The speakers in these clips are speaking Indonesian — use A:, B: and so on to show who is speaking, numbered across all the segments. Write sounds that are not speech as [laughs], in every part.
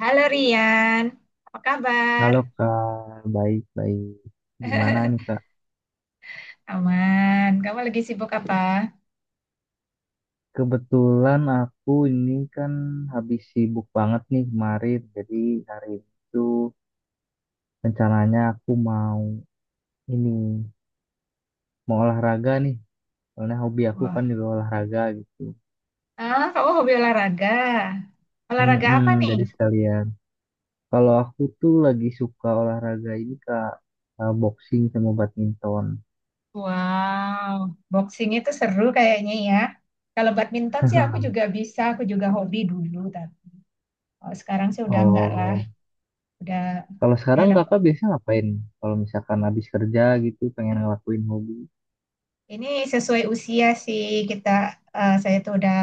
A: Halo Rian, apa kabar?
B: Halo Kak, baik-baik. Gimana nih Kak?
A: [laughs] Aman, kamu lagi sibuk apa?
B: Kebetulan aku ini kan habis sibuk banget nih kemarin. Jadi hari itu rencananya aku mau ini, mau olahraga nih. Soalnya hobi aku kan
A: Wah.
B: juga olahraga gitu.
A: Ah, kamu hobi olahraga. Olahraga
B: Mm-mm,
A: apa nih?
B: jadi sekalian. Kalau aku tuh lagi suka olahraga ini Kak, boxing sama badminton.
A: Wow, boxing itu seru kayaknya ya. Kalau badminton sih aku
B: [laughs]
A: juga bisa, aku juga hobi dulu. Tapi kalau sekarang sih udah enggak lah.
B: Oh,
A: Udah,
B: kalau
A: ya
B: sekarang
A: udah.
B: kakak biasanya ngapain? Kalau misalkan habis kerja gitu, pengen ngelakuin hobi.
A: Ini sesuai usia sih kita, eh, saya tuh udah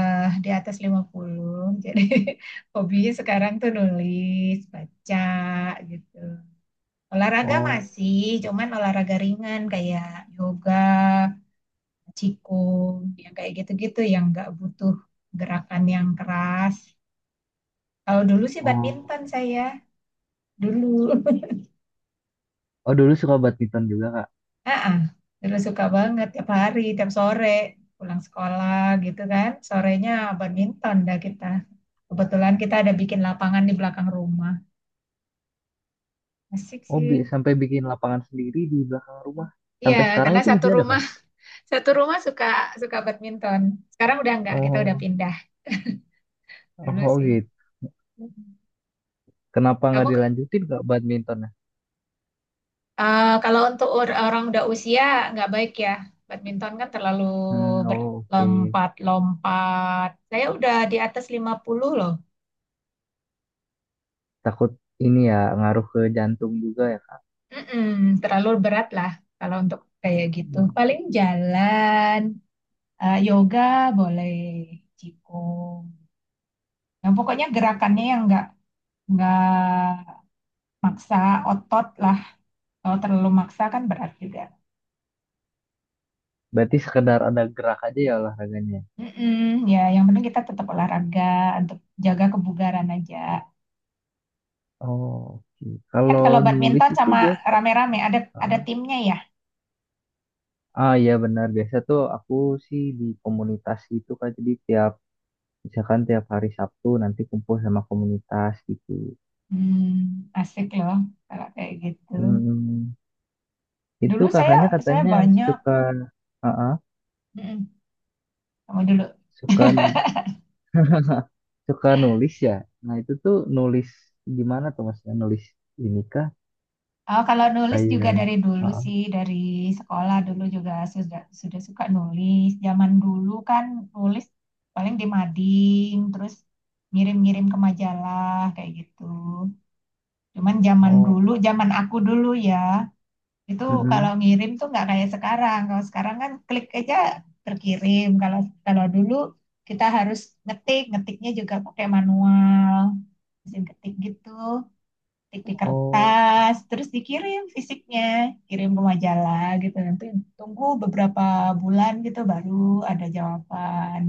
A: di atas 50, jadi [laughs] hobinya sekarang tuh nulis, baca gitu. Olahraga
B: Oh,
A: masih, cuman olahraga ringan kayak yoga, qigong, yang kayak gitu-gitu yang nggak butuh gerakan yang keras. Kalau dulu sih
B: oh,
A: badminton saya dulu. [laughs]
B: oh dulu suka badminton juga kak.
A: Ah, ah, dulu suka banget tiap hari, tiap sore pulang sekolah gitu kan. Sorenya badminton dah kita. Kebetulan kita ada bikin lapangan di belakang rumah. Asik
B: Oh,
A: sih.
B: sampai bikin lapangan sendiri di belakang rumah.
A: Iya,
B: Sampai sekarang
A: karena
B: itu
A: satu
B: masih ada
A: rumah
B: kak?
A: [laughs] satu rumah suka suka badminton. Sekarang udah enggak, kita udah
B: Oh,
A: pindah
B: oh
A: dulu
B: oh,
A: sih.
B: gitu. Kenapa nggak
A: Kamu ke-
B: dilanjutin kak badmintonnya?
A: kalau untuk orang udah usia nggak baik ya. Badminton kan terlalu
B: Hmm,
A: berat.
B: oh, oke.
A: Lompat-lompat. Saya udah di atas 50 loh.
B: Takut ini ya ngaruh ke jantung juga ya kak.
A: Mm-mm, terlalu berat lah kalau untuk kayak gitu.
B: Hmm.
A: Paling jalan, eh, yoga boleh, qigong. Nah, pokoknya gerakannya yang nggak maksa otot lah. Kalau terlalu maksa kan berat juga.
B: Berarti sekedar ada gerak aja ya olahraganya.
A: Mm-mm, ya, yang penting kita tetap olahraga untuk jaga kebugaran aja.
B: Oh, oke.
A: Kan
B: Kalau
A: kalau
B: nulis
A: badminton
B: itu
A: sama
B: biasa.
A: rame-rame ada
B: Ah,
A: timnya ya.
B: ah, iya benar biasa tuh aku sih di komunitas itu kak. Jadi misalkan tiap hari Sabtu nanti kumpul sama komunitas gitu.
A: Hmm, asik loh kalau kayak gitu.
B: Hmm, itu
A: Dulu saya
B: kakaknya
A: saya
B: katanya
A: banyak
B: suka uh
A: mm sama dulu.
B: suka [laughs] nulis ya. Nah, itu tuh nulis gimana tuh maksudnya nulis ini kah
A: Oh, kalau nulis juga
B: kayak
A: dari dulu
B: uh
A: sih, dari sekolah dulu juga sudah suka nulis. Zaman dulu kan nulis paling di mading, terus ngirim-ngirim ke majalah kayak gitu. Cuman zaman dulu,
B: Oh.
A: zaman aku dulu ya, itu kalau
B: Mm-mm.
A: ngirim tuh nggak kayak sekarang. Kalau sekarang kan klik aja terkirim. Kalau kalau dulu kita harus ngetik, ngetiknya juga pakai manual, mesin ketik gitu, ketik di
B: Oh.
A: kertas, terus dikirim fisiknya, kirim ke majalah gitu. Nanti tunggu beberapa bulan gitu baru ada jawaban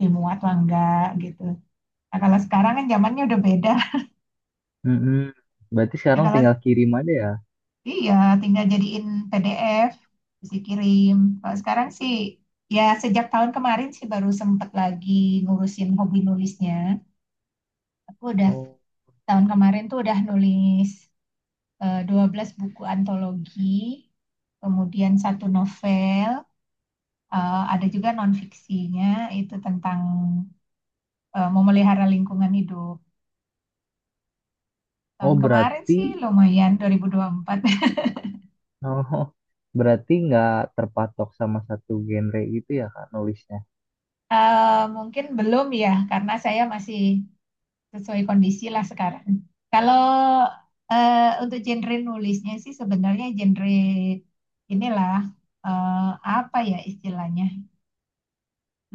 A: dimuat lah enggak gitu. Nah, kalau sekarang kan zamannya udah beda.
B: Mm-mm. Berarti
A: Nah,
B: sekarang
A: kalau
B: tinggal kirim aja ya.
A: Iya, tinggal jadiin PDF, terus dikirim. Kalau sekarang sih, ya sejak tahun kemarin sih baru sempet lagi ngurusin hobi nulisnya. Aku udah,
B: Oh.
A: Tahun kemarin tuh udah nulis 12 buku antologi, kemudian satu novel, ada juga non-fiksinya, itu tentang memelihara lingkungan hidup. Tahun
B: Oh,
A: kemarin sih lumayan, 2024. [laughs]
B: oh, [laughs] berarti nggak terpatok sama satu genre gitu ya Kak nulisnya.
A: Mungkin belum ya, karena saya masih sesuai kondisi lah sekarang. Kalau untuk genre nulisnya sih sebenarnya genre inilah eh, apa ya istilahnya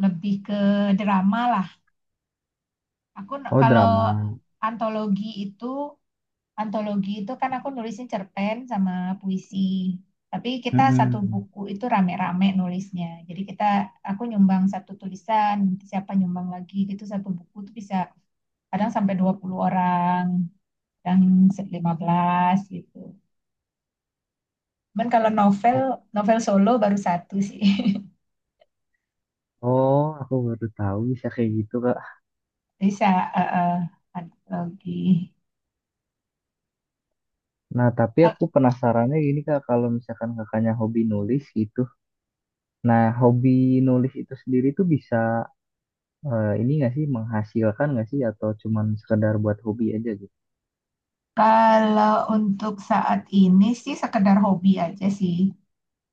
A: lebih ke drama lah. Aku n-
B: Oh,
A: kalau
B: drama.
A: antologi itu antologi itu kan aku nulisnya cerpen sama puisi. Tapi kita satu
B: Mm-mm.
A: buku itu rame-rame nulisnya. Jadi aku nyumbang satu tulisan, nanti siapa nyumbang lagi gitu satu buku tuh bisa kadang sampai 20 orang, yang 15 gitu. Cuman kalau novel,
B: Oh,
A: novel solo baru satu sih.
B: oh, aku baru tahu bisa kayak gitu, Kak.
A: [laughs] Bisa eh, eh, antologi.
B: Nah, tapi aku penasarannya gini, Kak, kalau misalkan kakaknya hobi nulis gitu. Nah, hobi nulis itu sendiri tuh bisa eh, ini nggak sih menghasilkan nggak sih atau cuman sekedar buat hobi aja gitu?
A: Kalau untuk saat ini sih sekedar hobi aja sih.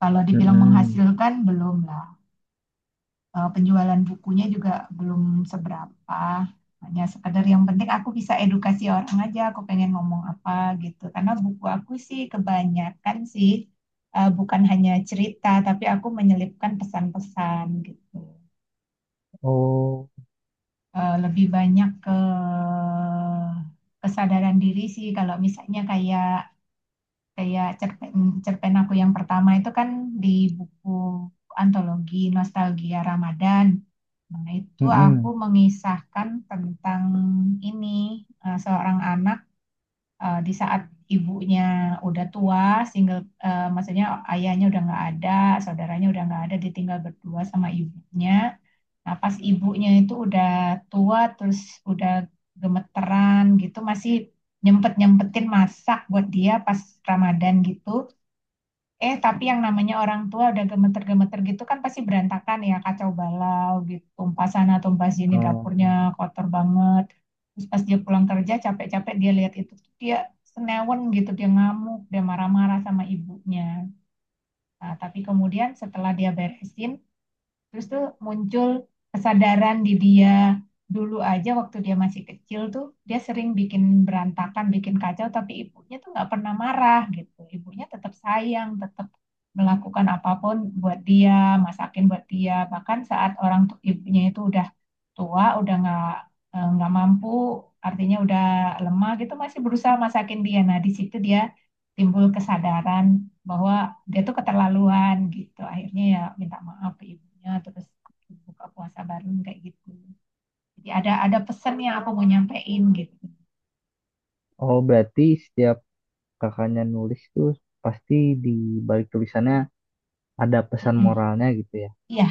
A: Kalau dibilang
B: Mm-mm.
A: menghasilkan belum lah. Penjualan bukunya juga belum seberapa. Hanya sekedar yang penting aku bisa edukasi orang aja, aku pengen ngomong apa gitu. Karena buku aku sih kebanyakan sih bukan hanya cerita, tapi aku menyelipkan pesan-pesan gitu.
B: Oh.
A: Lebih banyak ke kesadaran diri sih kalau misalnya kayak kayak cerpen cerpen aku yang pertama itu kan di buku antologi Nostalgia Ramadan. Nah, itu aku
B: Mm-mm.
A: mengisahkan tentang ini seorang anak di saat ibunya udah tua, single eh, maksudnya ayahnya udah nggak ada, saudaranya udah nggak ada, ditinggal berdua sama ibunya. Nah, pas ibunya itu udah tua terus udah gemeteran gitu masih nyempet-nyempetin masak buat dia pas Ramadan gitu. Tapi yang namanya orang tua udah gemeter-gemeter gitu kan pasti berantakan ya, kacau balau gitu. Tumpah sana, tumpah sini, dapurnya
B: Um,
A: kotor banget. Terus pas dia pulang kerja capek-capek dia lihat itu, tuh dia senewen gitu, dia ngamuk, dia marah-marah sama ibunya. Nah, tapi kemudian setelah dia beresin, terus tuh muncul kesadaran di dia dulu aja waktu dia masih kecil tuh dia sering bikin berantakan, bikin kacau, tapi ibunya tuh nggak pernah marah gitu. Ibunya tetap sayang, tetap melakukan apapun buat dia, masakin buat dia. Bahkan saat ibunya itu udah tua, udah nggak mampu, artinya udah lemah gitu, masih berusaha masakin dia. Nah, di situ dia timbul kesadaran bahwa dia tuh keterlaluan gitu akhirnya ya minta maaf ke ibunya terus buka puasa baru kayak gitu jadi ada pesan yang aku mau nyampein gitu.
B: oh, berarti setiap kakaknya nulis tuh pasti di balik tulisannya ada pesan
A: Mm-mm.
B: moralnya gitu ya.
A: iya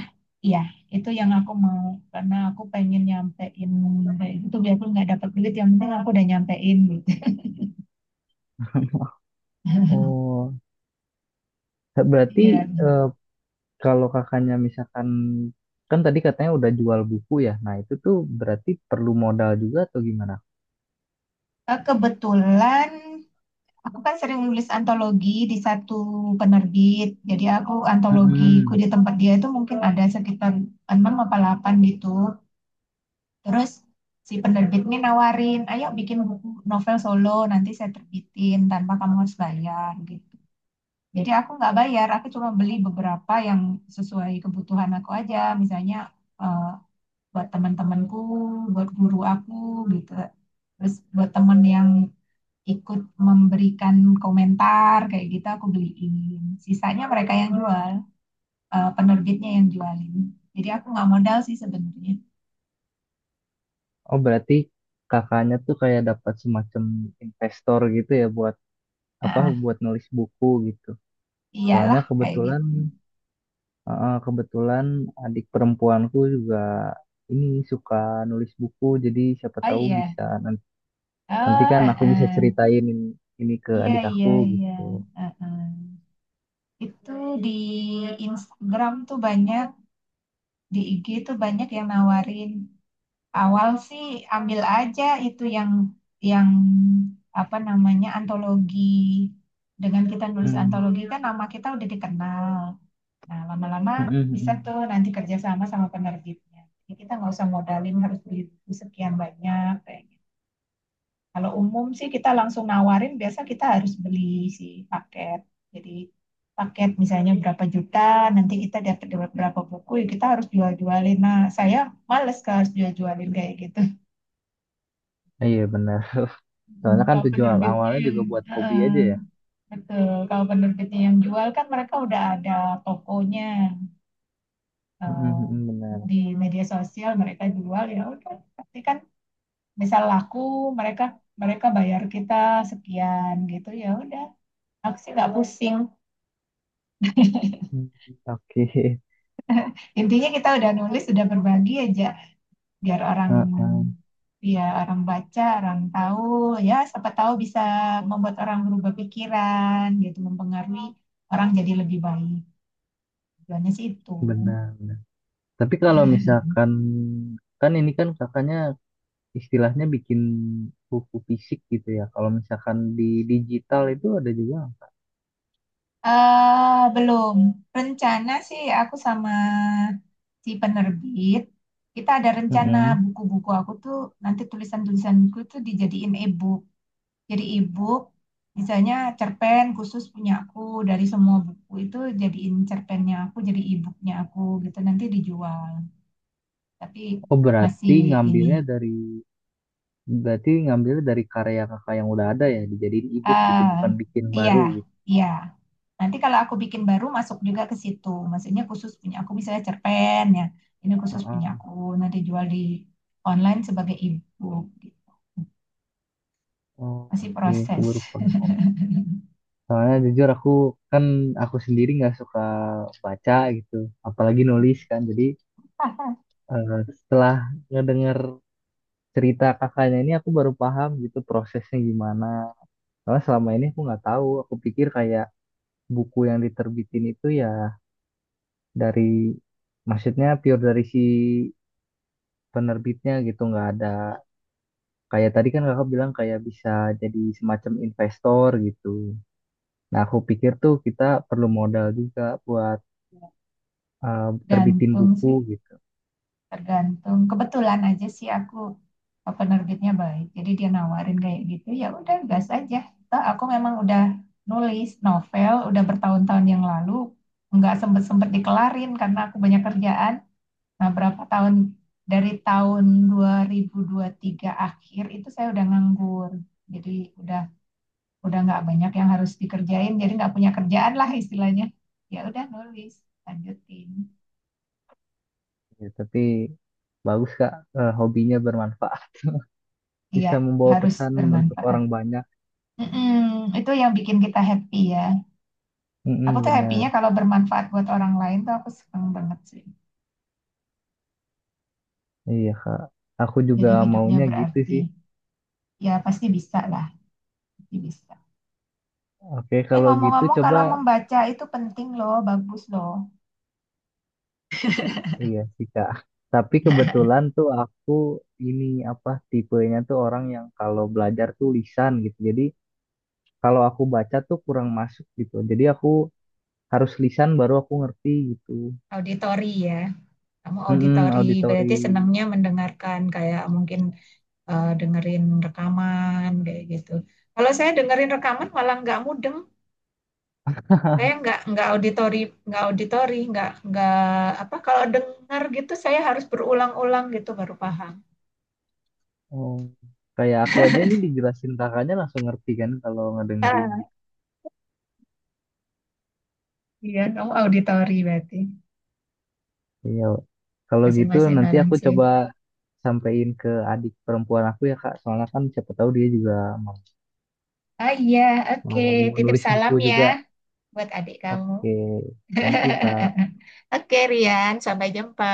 A: iya itu yang aku mau karena aku pengen nyampein itu gitu biarpun nggak dapat duit yang penting aku udah nyampein gitu.
B: Oh, berarti,
A: Iya. [laughs]
B: eh, kalau kakaknya misalkan kan tadi katanya udah jual buku ya. Nah, itu tuh berarti perlu modal juga atau gimana?
A: Kebetulan, aku kan sering nulis antologi di satu penerbit. Jadi aku antologiku
B: Mm-mm.
A: di tempat dia itu mungkin ada sekitar 6 apa 8 gitu. Terus si penerbit ini nawarin, ayo bikin buku novel solo, nanti saya terbitin tanpa kamu harus bayar gitu. Jadi aku nggak bayar, aku cuma beli beberapa yang sesuai kebutuhan aku aja, misalnya eh, buat teman-temanku, buat guru aku gitu. Terus buat temen yang ikut memberikan komentar kayak gitu aku beliin. Sisanya mereka yang jual, eh, penerbitnya yang jualin. Jadi aku nggak modal sih sebenarnya.
B: Oh, berarti kakaknya tuh kayak dapat semacam investor gitu ya buat
A: Ah,
B: apa
A: ah.
B: buat nulis buku gitu. Soalnya
A: Iyalah kayak gitu.
B: kebetulan adik perempuanku juga ini suka nulis buku jadi siapa
A: Oh
B: tahu
A: iya,
B: bisa nanti
A: Oh,
B: kan aku bisa
A: heeh.
B: ceritain ini ke
A: Iya,
B: adik
A: iya,
B: aku
A: iya.
B: gitu.
A: Heeh. Itu di Instagram tuh banyak, di IG tuh banyak yang nawarin. Awal sih ambil aja itu yang apa namanya antologi. Dengan kita nulis
B: Hmm.
A: antologi kan nama kita udah dikenal. Nah, lama-lama
B: Mm, mm, mm,
A: bisa
B: mm.
A: tuh nanti kerjasama sama penerbitnya. Jadi kita nggak usah modalin harus beli buku sekian banyak kayak kalau umum sih kita langsung nawarin, biasa kita harus beli si paket. Jadi paket misalnya berapa juta, nanti kita dapat berapa buku, ya kita harus jual-jualin. Nah, saya males kalau harus jual-jualin kayak gitu.
B: Iya, benar.
A: Hmm,
B: Soalnya kan
A: Kalau
B: tujuan
A: penerbitnya
B: awalnya
A: yang
B: juga buat hobi
A: eh,
B: aja ya.
A: betul, kalau penerbitnya yang jual kan mereka udah ada tokonya
B: Mm,
A: eh,
B: mm, mm, benar.
A: di media sosial mereka jual ya udah pasti kan misal laku mereka mereka bayar kita sekian gitu ya udah aku sih nggak pusing.
B: Hmm, oke. [laughs]
A: Intinya kita udah nulis, udah berbagi aja biar orang
B: Heeh,
A: ya orang baca, orang tahu ya siapa tahu bisa membuat orang berubah pikiran gitu, mempengaruhi orang jadi lebih baik. Tujuannya sih itu.
B: benar, benar. Tapi kalau
A: [laughs]
B: misalkan kan ini kan kakaknya istilahnya bikin buku fisik gitu ya. Kalau misalkan di digital itu ada juga.
A: Belum. Rencana sih aku sama si penerbit, kita ada rencana
B: Mm-mm.
A: buku-buku aku tuh nanti tulisan-tulisanku tuh dijadiin e-book. Jadi e-book misalnya cerpen khusus punya aku dari semua buku itu jadiin cerpennya aku jadi e-booknya aku gitu nanti dijual tapi
B: Oh,
A: masih ini
B: berarti ngambilnya dari karya kakak yang udah ada ya dijadiin e-book gitu
A: ah
B: bukan bikin
A: iya
B: baru gitu.
A: iya nanti kalau aku bikin baru masuk juga ke situ maksudnya khusus punya aku misalnya cerpen ya ini khusus punya
B: Heeh.
A: aku nanti jual di online sebagai e-book gitu.
B: Oh,
A: masih
B: oke, aku
A: proses
B: baru paham. Soalnya jujur aku kan aku sendiri nggak suka baca gitu, apalagi nulis kan. Jadi
A: [laughs]
B: setelah ngedenger cerita kakaknya ini aku baru paham gitu prosesnya gimana. Soalnya selama ini aku nggak tahu. Aku pikir kayak buku yang diterbitin itu ya dari maksudnya pure dari si penerbitnya gitu, nggak ada kayak tadi kan kakak bilang kayak bisa jadi semacam investor gitu. Nah aku pikir tuh kita perlu modal juga buat terbitin
A: gantung
B: buku
A: sih
B: gitu.
A: Tergantung kebetulan aja sih penerbitnya baik. Jadi dia nawarin kayak gitu. Ya udah gas aja. Toh aku memang udah nulis novel udah bertahun-tahun yang lalu nggak sempet-sempet dikelarin karena aku banyak kerjaan. Nah, berapa tahun dari tahun 2003 akhir itu saya udah nganggur. Jadi udah udah nggak banyak yang harus dikerjain, jadi nggak punya kerjaan lah istilahnya. Ya udah nulis, lanjutin.
B: Ya, tapi bagus Kak, hobinya bermanfaat. [laughs]
A: Iya,
B: Bisa membawa
A: harus
B: pesan untuk
A: bermanfaat.
B: orang banyak.
A: Mm-mm, itu yang bikin kita happy ya. Aku
B: Mm-mm,
A: tuh
B: benar.
A: happy-nya kalau bermanfaat buat orang lain tuh aku seneng banget sih.
B: Iya Kak. Aku juga
A: Jadi hidupnya
B: maunya gitu
A: berarti.
B: sih.
A: Ya pasti bisa lah, pasti bisa.
B: Oke,
A: Eh,
B: kalau gitu
A: ngomong-ngomong
B: coba
A: kalau membaca itu penting loh, bagus loh.
B: iya sih Kak. Tapi kebetulan tuh aku ini apa tipenya tuh orang yang kalau belajar tuh lisan gitu. Jadi kalau aku baca tuh kurang masuk gitu. Jadi aku harus lisan baru aku ngerti gitu.
A: Auditori ya. Kamu
B: Mm-mm,
A: auditori
B: auditori.
A: berarti senangnya mendengarkan kayak mungkin dengerin rekaman kayak gitu. Kalau saya dengerin rekaman malah nggak mudeng. Saya nggak auditori nggak auditori nggak apa kalau dengar gitu saya harus berulang-ulang gitu baru paham.
B: Oh. Kayak aku aja ini dijelasin kakaknya langsung ngerti kan kalau ngedengerin
A: Ah,
B: gitu.
A: iya kamu auditori berarti
B: Iya. Wak. Kalau gitu
A: masing-masing
B: nanti
A: orang
B: aku
A: sih.
B: coba sampein ke adik perempuan aku ya Kak. Soalnya kan siapa tahu dia juga mau,
A: Ah, iya oke
B: mau
A: titip
B: nulis
A: salam
B: buku
A: ya
B: juga.
A: buat adik kamu.
B: Oke, Thank you Kak.
A: [laughs] Oke Rian sampai jumpa.